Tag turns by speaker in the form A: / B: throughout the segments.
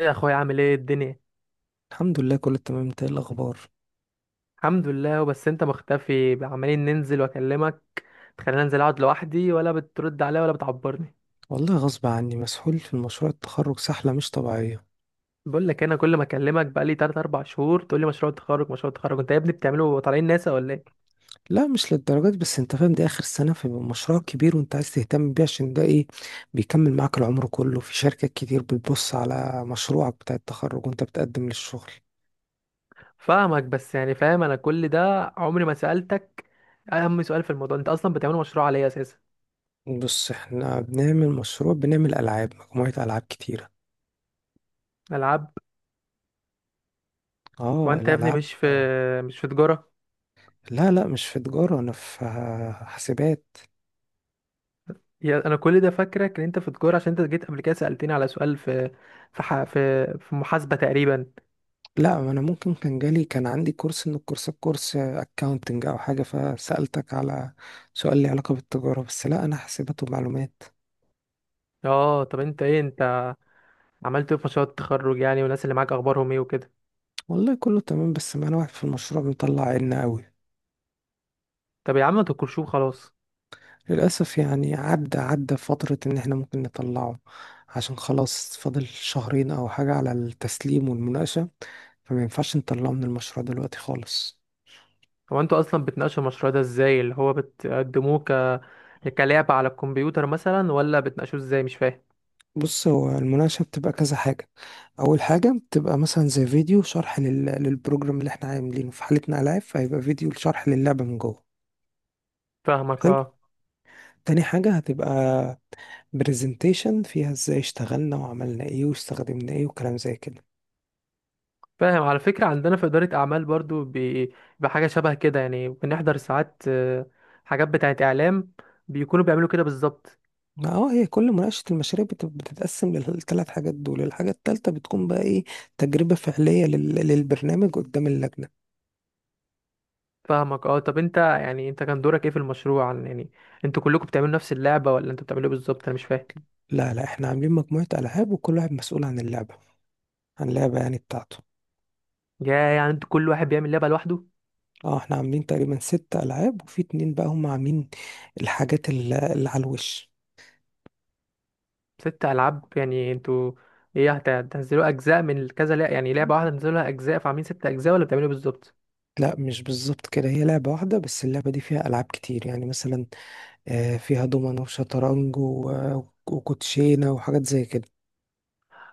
A: ايه يا اخويا، عامل ايه الدنيا؟
B: الحمد لله، كله تمام. انت ايه الاخبار؟
A: الحمد لله، بس انت مختفي، عمالين ننزل واكلمك. تخليني انزل اقعد لوحدي ولا بترد عليا ولا بتعبرني.
B: والله غصب عني، مسحول في مشروع التخرج سحلة مش طبيعية.
A: بقول لك انا كل ما اكلمك بقالي 3 4 شهور تقول لي مشروع تخرج مشروع تخرج. انت يا ابني بتعمله طالعين ناسا ولا ايه؟
B: لا، مش للدرجات، بس انت فاهم دي اخر سنة فبيبقى مشروع كبير وانت عايز تهتم بيه عشان ده ايه، بيكمل معاك العمر كله. في شركات كتير بتبص على مشروعك بتاع التخرج وانت بتقدم للشغل.
A: فاهمك، بس فاهم انا كل ده؟ عمري ما سألتك اهم سؤال في الموضوع: انت اصلا بتعمله مشروع على ايه اساسا؟
B: بص، احنا بنعمل مشروع، بنعمل العاب، مجموعة العاب كتيرة.
A: العاب؟
B: اه،
A: وانت يا ابني
B: الالعاب.
A: مش في تجارة؟
B: لا لا، مش في تجارة، انا في حاسبات.
A: يا انا كل ده فاكرك ان انت في تجارة عشان انت جيت قبل كده سألتني على سؤال في في محاسبة تقريبا.
B: لا، ما انا ممكن كان جالي، كان عندي كورس من الكورسات، كورس اكاونتنج او حاجه، فسالتك على سؤال لي علاقه بالتجاره، بس لا انا حاسبات ومعلومات.
A: اه، طب انت ايه؟ انت عملت ايه في مشروع التخرج يعني، والناس اللي معاك اخبارهم ايه وكده؟
B: والله كله تمام، بس معانا واحد في المشروع بيطلع عنا قوي.
A: طب يا عم ما تنكرشوه خلاص.
B: للاسف يعني عدى فتره ان احنا ممكن نطلعه، عشان خلاص فاضل شهرين او حاجه على التسليم والمناقشه، فما ينفعش نطلعه من المشروع دلوقتي خالص.
A: هو انتوا اصلا بتناقشوا المشروع ده ازاي، اللي هو بتقدموه ك كلعبة على الكمبيوتر مثلا، ولا بتناقشوه ازاي؟ مش فاهم.
B: بص، هو المناقشة بتبقى كذا حاجة. أول حاجة بتبقى مثلا زي فيديو شرح للبروجرام اللي احنا عاملينه، في حالتنا ألعاب فهيبقى فيديو شرح للعبة من جوه.
A: فاهمك،
B: حلو.
A: اه.
B: تاني حاجة هتبقى برزنتيشن فيها ازاي اشتغلنا وعملنا ايه واستخدمنا ايه وكلام زي كده.
A: فاهم، على فكرة عندنا في إدارة أعمال برضو بحاجة شبه كده. يعني بنحضر ساعات حاجات بتاعة إعلام، بيكونوا بيعملوا كده بالظبط.
B: ما هي كل مناقشة المشاريع بتتقسم للثلاث حاجات دول، الحاجة التالتة بتكون بقى ايه؟ تجربة فعلية للبرنامج قدام اللجنة.
A: فاهمك، اه. طب انت يعني انت كان دورك ايه في المشروع يعني انتوا كلكم بتعملوا نفس اللعبة، ولا انتوا بتعملوا ايه بالظبط؟ انا مش فاهم.
B: لا لا، احنا عاملين مجموعة ألعاب وكل واحد مسؤول عن اللعبة يعني بتاعته.
A: يا يعني انتوا كل واحد بيعمل لعبة لوحده؟
B: اه، احنا عاملين تقريبا ست ألعاب وفي اتنين بقى هم عاملين الحاجات اللي على الوش.
A: ست ألعاب يعني انتوا ايه؟ هتنزلوا أجزاء من كذا لعبة، يعني لعبة واحدة تنزلوها أجزاء فعاملين ست أجزاء، ولا بتعملوا إيه بالظبط؟
B: لا مش بالظبط كده، هي لعبة واحدة بس اللعبة دي فيها ألعاب كتير يعني مثلا، فيها دومنة وشطرنج و- وكوتشينة وحاجات زي كده.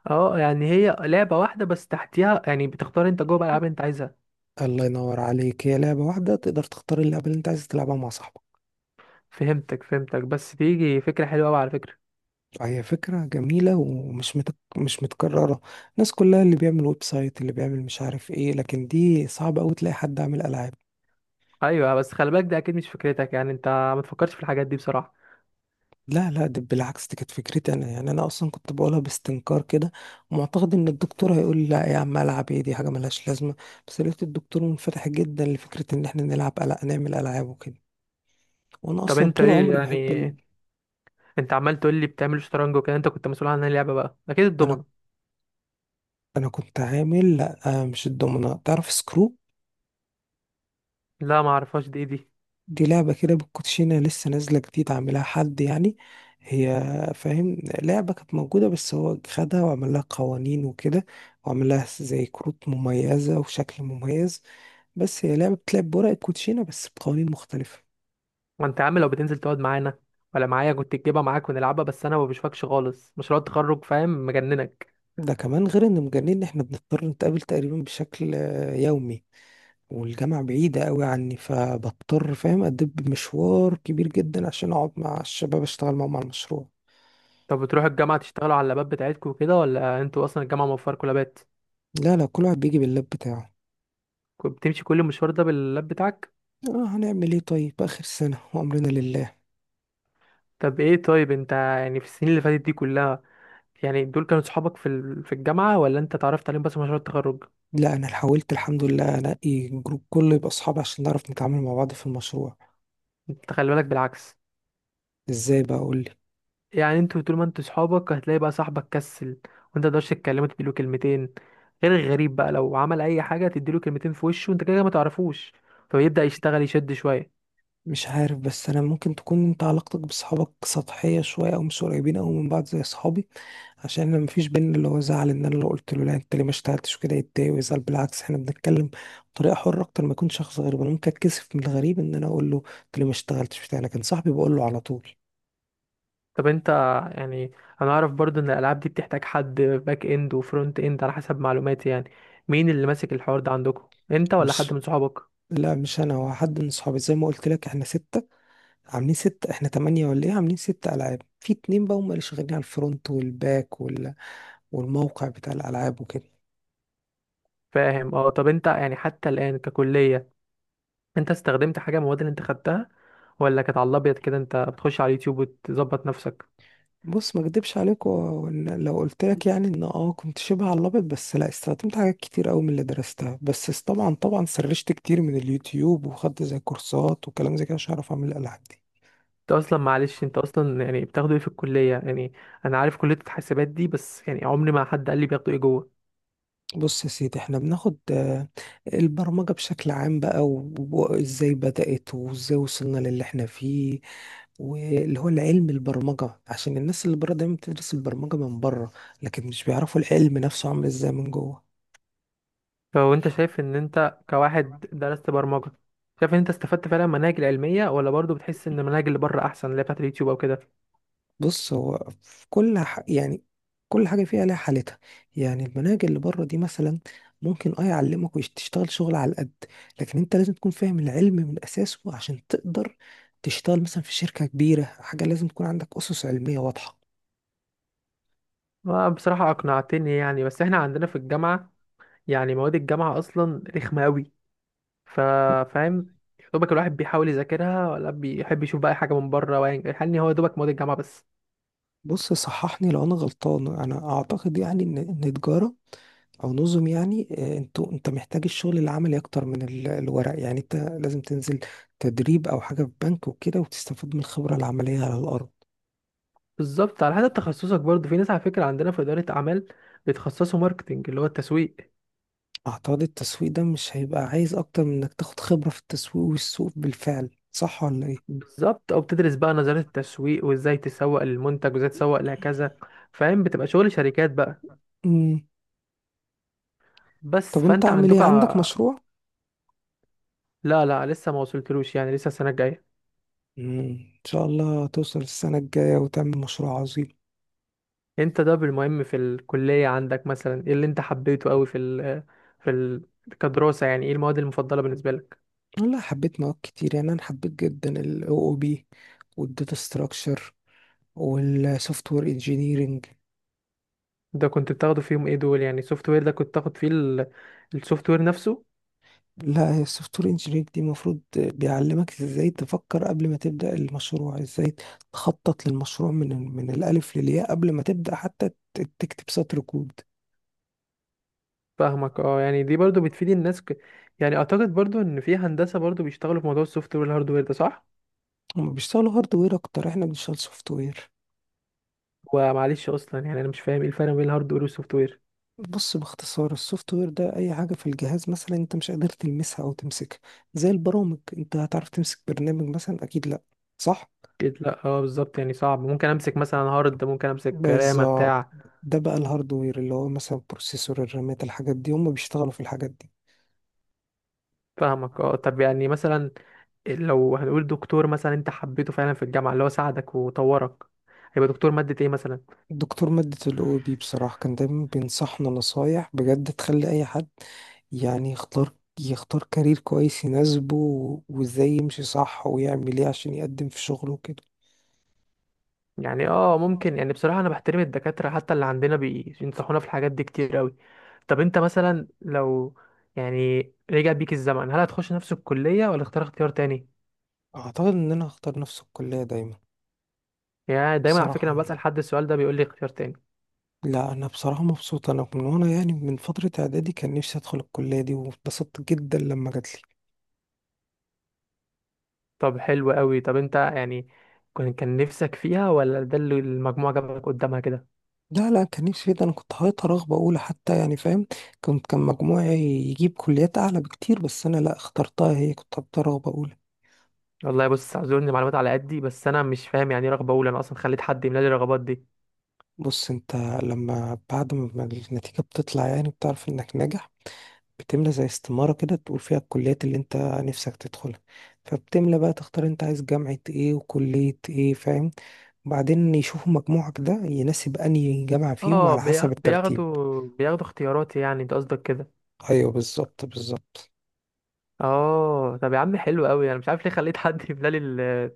A: اه، يعني هي لعبة واحدة بس تحتيها يعني بتختار انت جوه بقى الألعاب اللي انت عايزها.
B: الله ينور عليك، هي لعبة واحدة تقدر تختار اللعبة اللي انت عايز تلعبها مع صاحبك.
A: فهمتك. بس تيجي فكرة حلوة أوي على فكرة.
B: فهي فكرة جميلة ومش متك... مش متكررة. الناس كلها اللي بيعمل ويب سايت، اللي بيعمل مش عارف ايه، لكن دي صعب أوي تلاقي حد عامل ألعاب.
A: أيوة، بس خلي بالك ده أكيد مش فكرتك. يعني انت ما تفكرش في الحاجات دي بصراحة.
B: لا لا، ده بالعكس، دي كانت فكرتي انا، يعني انا اصلا كنت بقولها باستنكار كده، ومعتقد ان الدكتور هيقول لي: لا يا عم، العب ايه، دي حاجه ملهاش لازمه. بس لقيت الدكتور منفتح جدا لفكره ان احنا نلعب نعمل العاب وكده. وانا
A: طب
B: اصلا
A: انت
B: طول
A: ايه
B: عمري
A: يعني،
B: بحب
A: انت عمال تقول لي بتعمل شطرنج وكده، انت كنت مسؤول عن اللعبة بقى أكيد
B: انا
A: الضمنة؟
B: انا كنت عامل، لا مش الدومنه، تعرف سكرو؟
A: لا ما اعرفهاش، دي ايه دي؟
B: دي لعبه كده بالكوتشينه لسه نازله جديد، عاملها حد يعني. هي فاهم، لعبه كانت موجوده بس هو خدها وعمل لها قوانين وكده، وعمل لها زي كروت مميزه وشكل مميز، بس هي لعبة بتلعب بورق الكوتشينة بس بقوانين مختلفة.
A: وانت يا عم لو بتنزل تقعد معانا ولا معايا كنت تجيبها معاك ونلعبها، بس انا ما بشوفكش خالص. مشروع التخرج فاهم مجننك.
B: ده كمان غير ان مجانين ان احنا بنضطر نتقابل تقريبا بشكل يومي، والجامعة بعيدة قوي عني فبضطر فاهم أدب مشوار كبير جدا عشان أقعد مع الشباب أشتغل معاهم على المشروع.
A: طب بتروحوا الجامعه تشتغلوا على اللابات بتاعتكم كده، ولا انتوا اصلا الجامعه موفركم لابات؟
B: لا لا، كل واحد بيجي باللاب بتاعه.
A: كنت بتمشي كل المشوار ده باللاب بتاعك؟
B: آه، هنعمل إيه طيب، آخر سنة وأمرنا لله.
A: طب ايه، طيب انت يعني في السنين اللي فاتت دي كلها، يعني دول كانوا صحابك في في الجامعه، ولا انت اتعرفت عليهم بس مشروع التخرج؟
B: لا، أنا حاولت الحمد لله أنقي جروب كله يبقى أصحابي عشان نعرف نتعامل مع بعض في المشروع.
A: انت خلي بالك، بالعكس.
B: إزاي بقى أقول؟
A: يعني انتوا طول ما انتوا صحابك هتلاقي بقى صاحبك كسل وانت متقدرش تتكلمه تديله كلمتين، غير الغريب بقى لو عمل اي حاجه تديله كلمتين في وشه، وانت كده كده ما تعرفوش، فبيبدا يشتغل يشد شويه.
B: مش عارف، بس انا ممكن تكون انت علاقتك بصحابك سطحيه شويه، او مش قريبين او من بعض زي اصحابي، عشان انا مفيش بينا اللي هو زعل ان انا لو قلت له لا انت ليه ما اشتغلتش كده يتضايق ويزعل. بالعكس احنا بنتكلم بطريقه حره اكتر ما يكون شخص غريب، انا ممكن اتكسف من الغريب ان انا اقول له انت ليه ما اشتغلتش بتاع، لكن صاحبي بقول له على طول.
A: طب انت يعني انا اعرف برضو ان الالعاب دي بتحتاج حد باك اند وفرونت اند على حسب معلوماتي. يعني مين اللي ماسك الحوار ده عندكم، انت ولا حد
B: مش
A: من صحابك؟
B: لا مش انا، هو حد من صحابي زي ما قلت لك احنا سته، عاملين ستة، احنا تمانية ولا ايه؟ عاملين ستة ألعاب، في اتنين بقى هما اللي شغالين على الفرونت والباك وال... والموقع بتاع الألعاب وكده.
A: فاهم، اه. طب انت يعني حتى الان ككليه، انت استخدمت حاجه من المواد اللي انت خدتها، ولا كانت على الابيض كده انت بتخش على اليوتيوب وتظبط نفسك؟
B: بص، ما اكدبش عليك و- وإن لو قلت لك يعني ان كنت شبه على الابيض، بس لا استخدمت حاجات كتير قوي من اللي درستها، بس طبعا سرشت كتير من اليوتيوب وخدت زي كورسات وكلام زي كده عشان اعرف اعمل الالعاب دي.
A: انت اصلا معلش، انت اصلا يعني بتاخده ايه في الكليه يعني؟ انا عارف كليه الحاسبات دي، بس يعني عمري ما حد قال لي بياخدوا ايه جوه.
B: بص يا سيدي، احنا بناخد البرمجة بشكل عام بقى و- وازاي بدأت وازاي وصلنا للي احنا فيه، واللي هو العلم البرمجة، عشان الناس اللي بره دايما بتدرس البرمجة من بره لكن مش بيعرفوا العلم نفسه عامل ازاي من جوه.
A: فهو انت شايف ان انت كواحد درست برمجه، شايف ان انت استفدت فعلا من المناهج العلميه، ولا برضو بتحس ان المناهج اللي بره احسن، اللي هي بتاعت اليوتيوب او كده؟
B: بص، هو في يعني كل حاجة فيها لها حالتها. يعني المناهج اللي بره دي مثلا ممكن يعلمك وتشتغل شغل على القد، لكن انت لازم تكون فاهم العلم من أساسه عشان تقدر تشتغل مثلا في شركة كبيرة، حاجة لازم تكون عندك أسس علمية واضحة.
A: بصراحه اقنعتني يعني. بس احنا عندنا في الجامعه، يعني مواد الجامعه اصلا رخمه قوي. ف- فاهم، يا دوبك الواحد بيحاول يذاكرها، ولا بيحب يشوف بقى أي حاجه من بره؟ يعني هو يا دوبك مواد الجامعه بس.
B: بص، صححني لو أنا غلطان. أنا أعتقد يعني إن تجارة او نظم، يعني انت محتاج الشغل العملي اكتر من الورق، يعني انت لازم تنزل تدريب او حاجه في بنك وكده وتستفاد من الخبره العمليه على الارض.
A: بالظبط. على حسب تخصصك برضه، في ناس على فكرة عندنا في إدارة أعمال بيتخصصوا ماركتينج، اللي هو التسويق.
B: اعتقد التسويق ده مش هيبقى عايز اكتر من انك تاخد خبرة في التسويق والسوق بالفعل، صح ولا ايه؟
A: بالظبط، أو بتدرس بقى نظرية التسويق، وإزاي تسوق للمنتج، وإزاي تسوق لكذا. فاهم، بتبقى شغل شركات بقى.
B: امم
A: بس
B: طب انت
A: فأنت
B: عامل ايه،
A: عندك
B: عندك مشروع؟
A: لا لا، لسه ما وصلتلوش، يعني لسه السنة الجاية.
B: ان شاء الله توصل السنة الجاية وتعمل مشروع عظيم.
A: أنت ده بالمهم في الكلية، عندك مثلا إيه اللي أنت حبيته أوي في ال كدراسة؟ يعني إيه المواد المفضلة بالنسبة لك؟
B: والله حبيت مواد كتير، يعني انا حبيت جدا ال OOP والداتا ستراكشر والسوفت وير engineering.
A: ده كنت بتاخده فيهم إيه دول؟ يعني سوفت وير ده كنت تاخد فيه السوفت وير نفسه؟
B: لا، هي السوفت وير انجينير دي المفروض بيعلمك ازاي تفكر قبل ما تبدأ المشروع، ازاي تخطط للمشروع من الألف للياء قبل ما تبدأ حتى تكتب سطر كود.
A: فاهمك، اه. يعني دي برضو بتفيد الناس يعني اعتقد برضو ان في هندسة برضو بيشتغلوا في موضوع السوفت وير والهاردوير، ده صح؟
B: هما بيشتغلوا هاردوير أكتر، احنا بنشتغل سوفت وير.
A: ومعلش اصلا يعني انا مش فاهم ايه الفرق بين الهاردوير والسوفت وير.
B: بص، باختصار السوفت وير ده أي حاجة في الجهاز مثلا أنت مش قادر تلمسها أو تمسكها، زي البرامج أنت هتعرف تمسك برنامج مثلا؟ أكيد لأ. صح؟
A: اكيد لا، اه بالظبط، يعني صعب. ممكن امسك مثلا هارد، ممكن امسك رامة
B: بالظبط.
A: بتاع.
B: ده بقى الهاردوير، اللي هو مثلا البروسيسور، الرامات، الحاجات دي، هما بيشتغلوا في الحاجات دي.
A: فاهمك، اه. طب يعني مثلا لو هنقول دكتور مثلا انت حبيته فعلا في الجامعة، اللي هو ساعدك وطورك، هيبقى دكتور مادة ايه مثلا؟
B: دكتور مادة ال OOP بصراحة كان دايما بينصحنا نصايح بجد تخلي أي حد يعني يختار كارير كويس يناسبه، و- وازاي يمشي صح ويعمل ايه عشان يقدم في شغله وكده.
A: يعني اه، ممكن يعني. بصراحة انا بحترم الدكاترة حتى اللي عندنا، بينصحونا في الحاجات دي كتير قوي. طب انت مثلا لو يعني رجع بيك الزمن، هل هتخش نفس الكلية، ولا اختار اختيار تاني؟
B: أعتقد إن أنا هختار نفس الكلية دايما.
A: يعني دايما على فكرة
B: بصراحة،
A: لما بسأل حد السؤال ده بيقول لي اختيار تاني.
B: لا أنا بصراحة مبسوط، أنا من، وأنا يعني من فترة إعدادي كان نفسي أدخل الكلية دي واتبسطت جدا لما جاتلي.
A: طب حلو قوي. طب انت يعني كان، نفسك فيها، ولا ده اللي المجموعة جابك قدامها كده؟
B: لا لا، كان نفسي فيه، ده أنا كنت حاططها رغبة أولى حتى، يعني فاهم، كان مجموعي يجيب كليات أعلى بكتير بس أنا لا اخترتها هي، كنت حاططها رغبة أولى.
A: والله بص اعذرني، معلومات على قدي، بس انا مش فاهم يعني ايه رغبة اولى. انا اصلا خليت حد يملى لي الرغبات دي.
B: بص انت، لما بعد ما النتيجة بتطلع يعني بتعرف انك ناجح، بتملى زي استمارة كده تقول فيها الكليات اللي انت نفسك تدخلها. فبتملى بقى، تختار انت عايز جامعة ايه وكلية ايه، فاهم؟ وبعدين يشوفوا مجموعك ده يناسب انهي جامعة فيهم
A: اه،
B: على حسب الترتيب.
A: بياخدوا اختياراتي يعني، انت قصدك كده؟
B: ايوه، بالظبط بالظبط.
A: اه طب يا عم حلو قوي. انا مش عارف ليه خليت حد يملى لي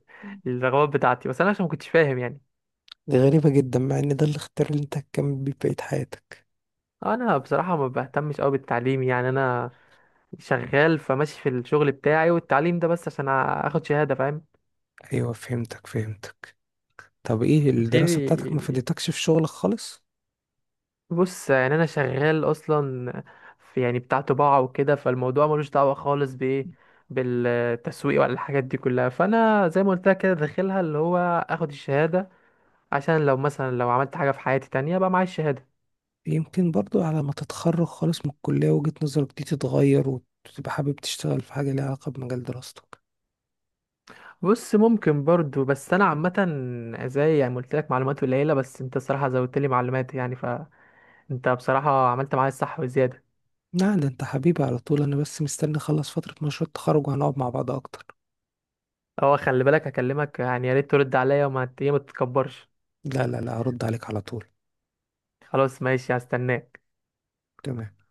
A: الرغبات بتاعتي، بس انا عشان ما كنتش فاهم يعني.
B: دي غريبة جدا، مع ان ده الاختيار اللي انت هتكمل بيه بقية حياتك.
A: انا بصراحه ما بهتمش قوي بالتعليم، يعني انا شغال، فماشي في الشغل بتاعي، والتعليم ده بس عشان اخد شهاده، فاهم؟
B: ايوه، فهمتك فهمتك. طب ايه، الدراسة
A: غيري.
B: بتاعتك ما فادتكش في شغلك خالص؟
A: بص يعني انا شغال اصلا في يعني بتاع طباعه وكده، فالموضوع ملوش دعوه خالص بايه، بالتسويق ولا الحاجات دي كلها. فانا زي ما قلت لك كده، داخلها اللي هو اخد الشهاده، عشان لو مثلا لو عملت حاجه في حياتي تانية، بقى معايا الشهاده.
B: يمكن برضو على ما تتخرج خالص من الكلية وجهة نظرك دي تتغير وتبقى حابب تشتغل في حاجة ليها علاقة بمجال دراستك.
A: بص ممكن برضو، بس انا عامه زي يعني ما قلت لك، معلومات قليله، بس انت الصراحه زودت لي معلومات يعني. فانت بصراحه عملت معايا الصح وزياده.
B: لا، ده انت حبيبي على طول، انا بس مستني اخلص فترة مشروع التخرج وهنقعد مع بعض اكتر.
A: اه خلي بالك، هكلمك يعني، يا ريت ترد عليا، وما ت- إيه، ما تتكبرش.
B: لا لا لا، هرد عليك على طول.
A: خلاص ماشي، هستناك.
B: تمام.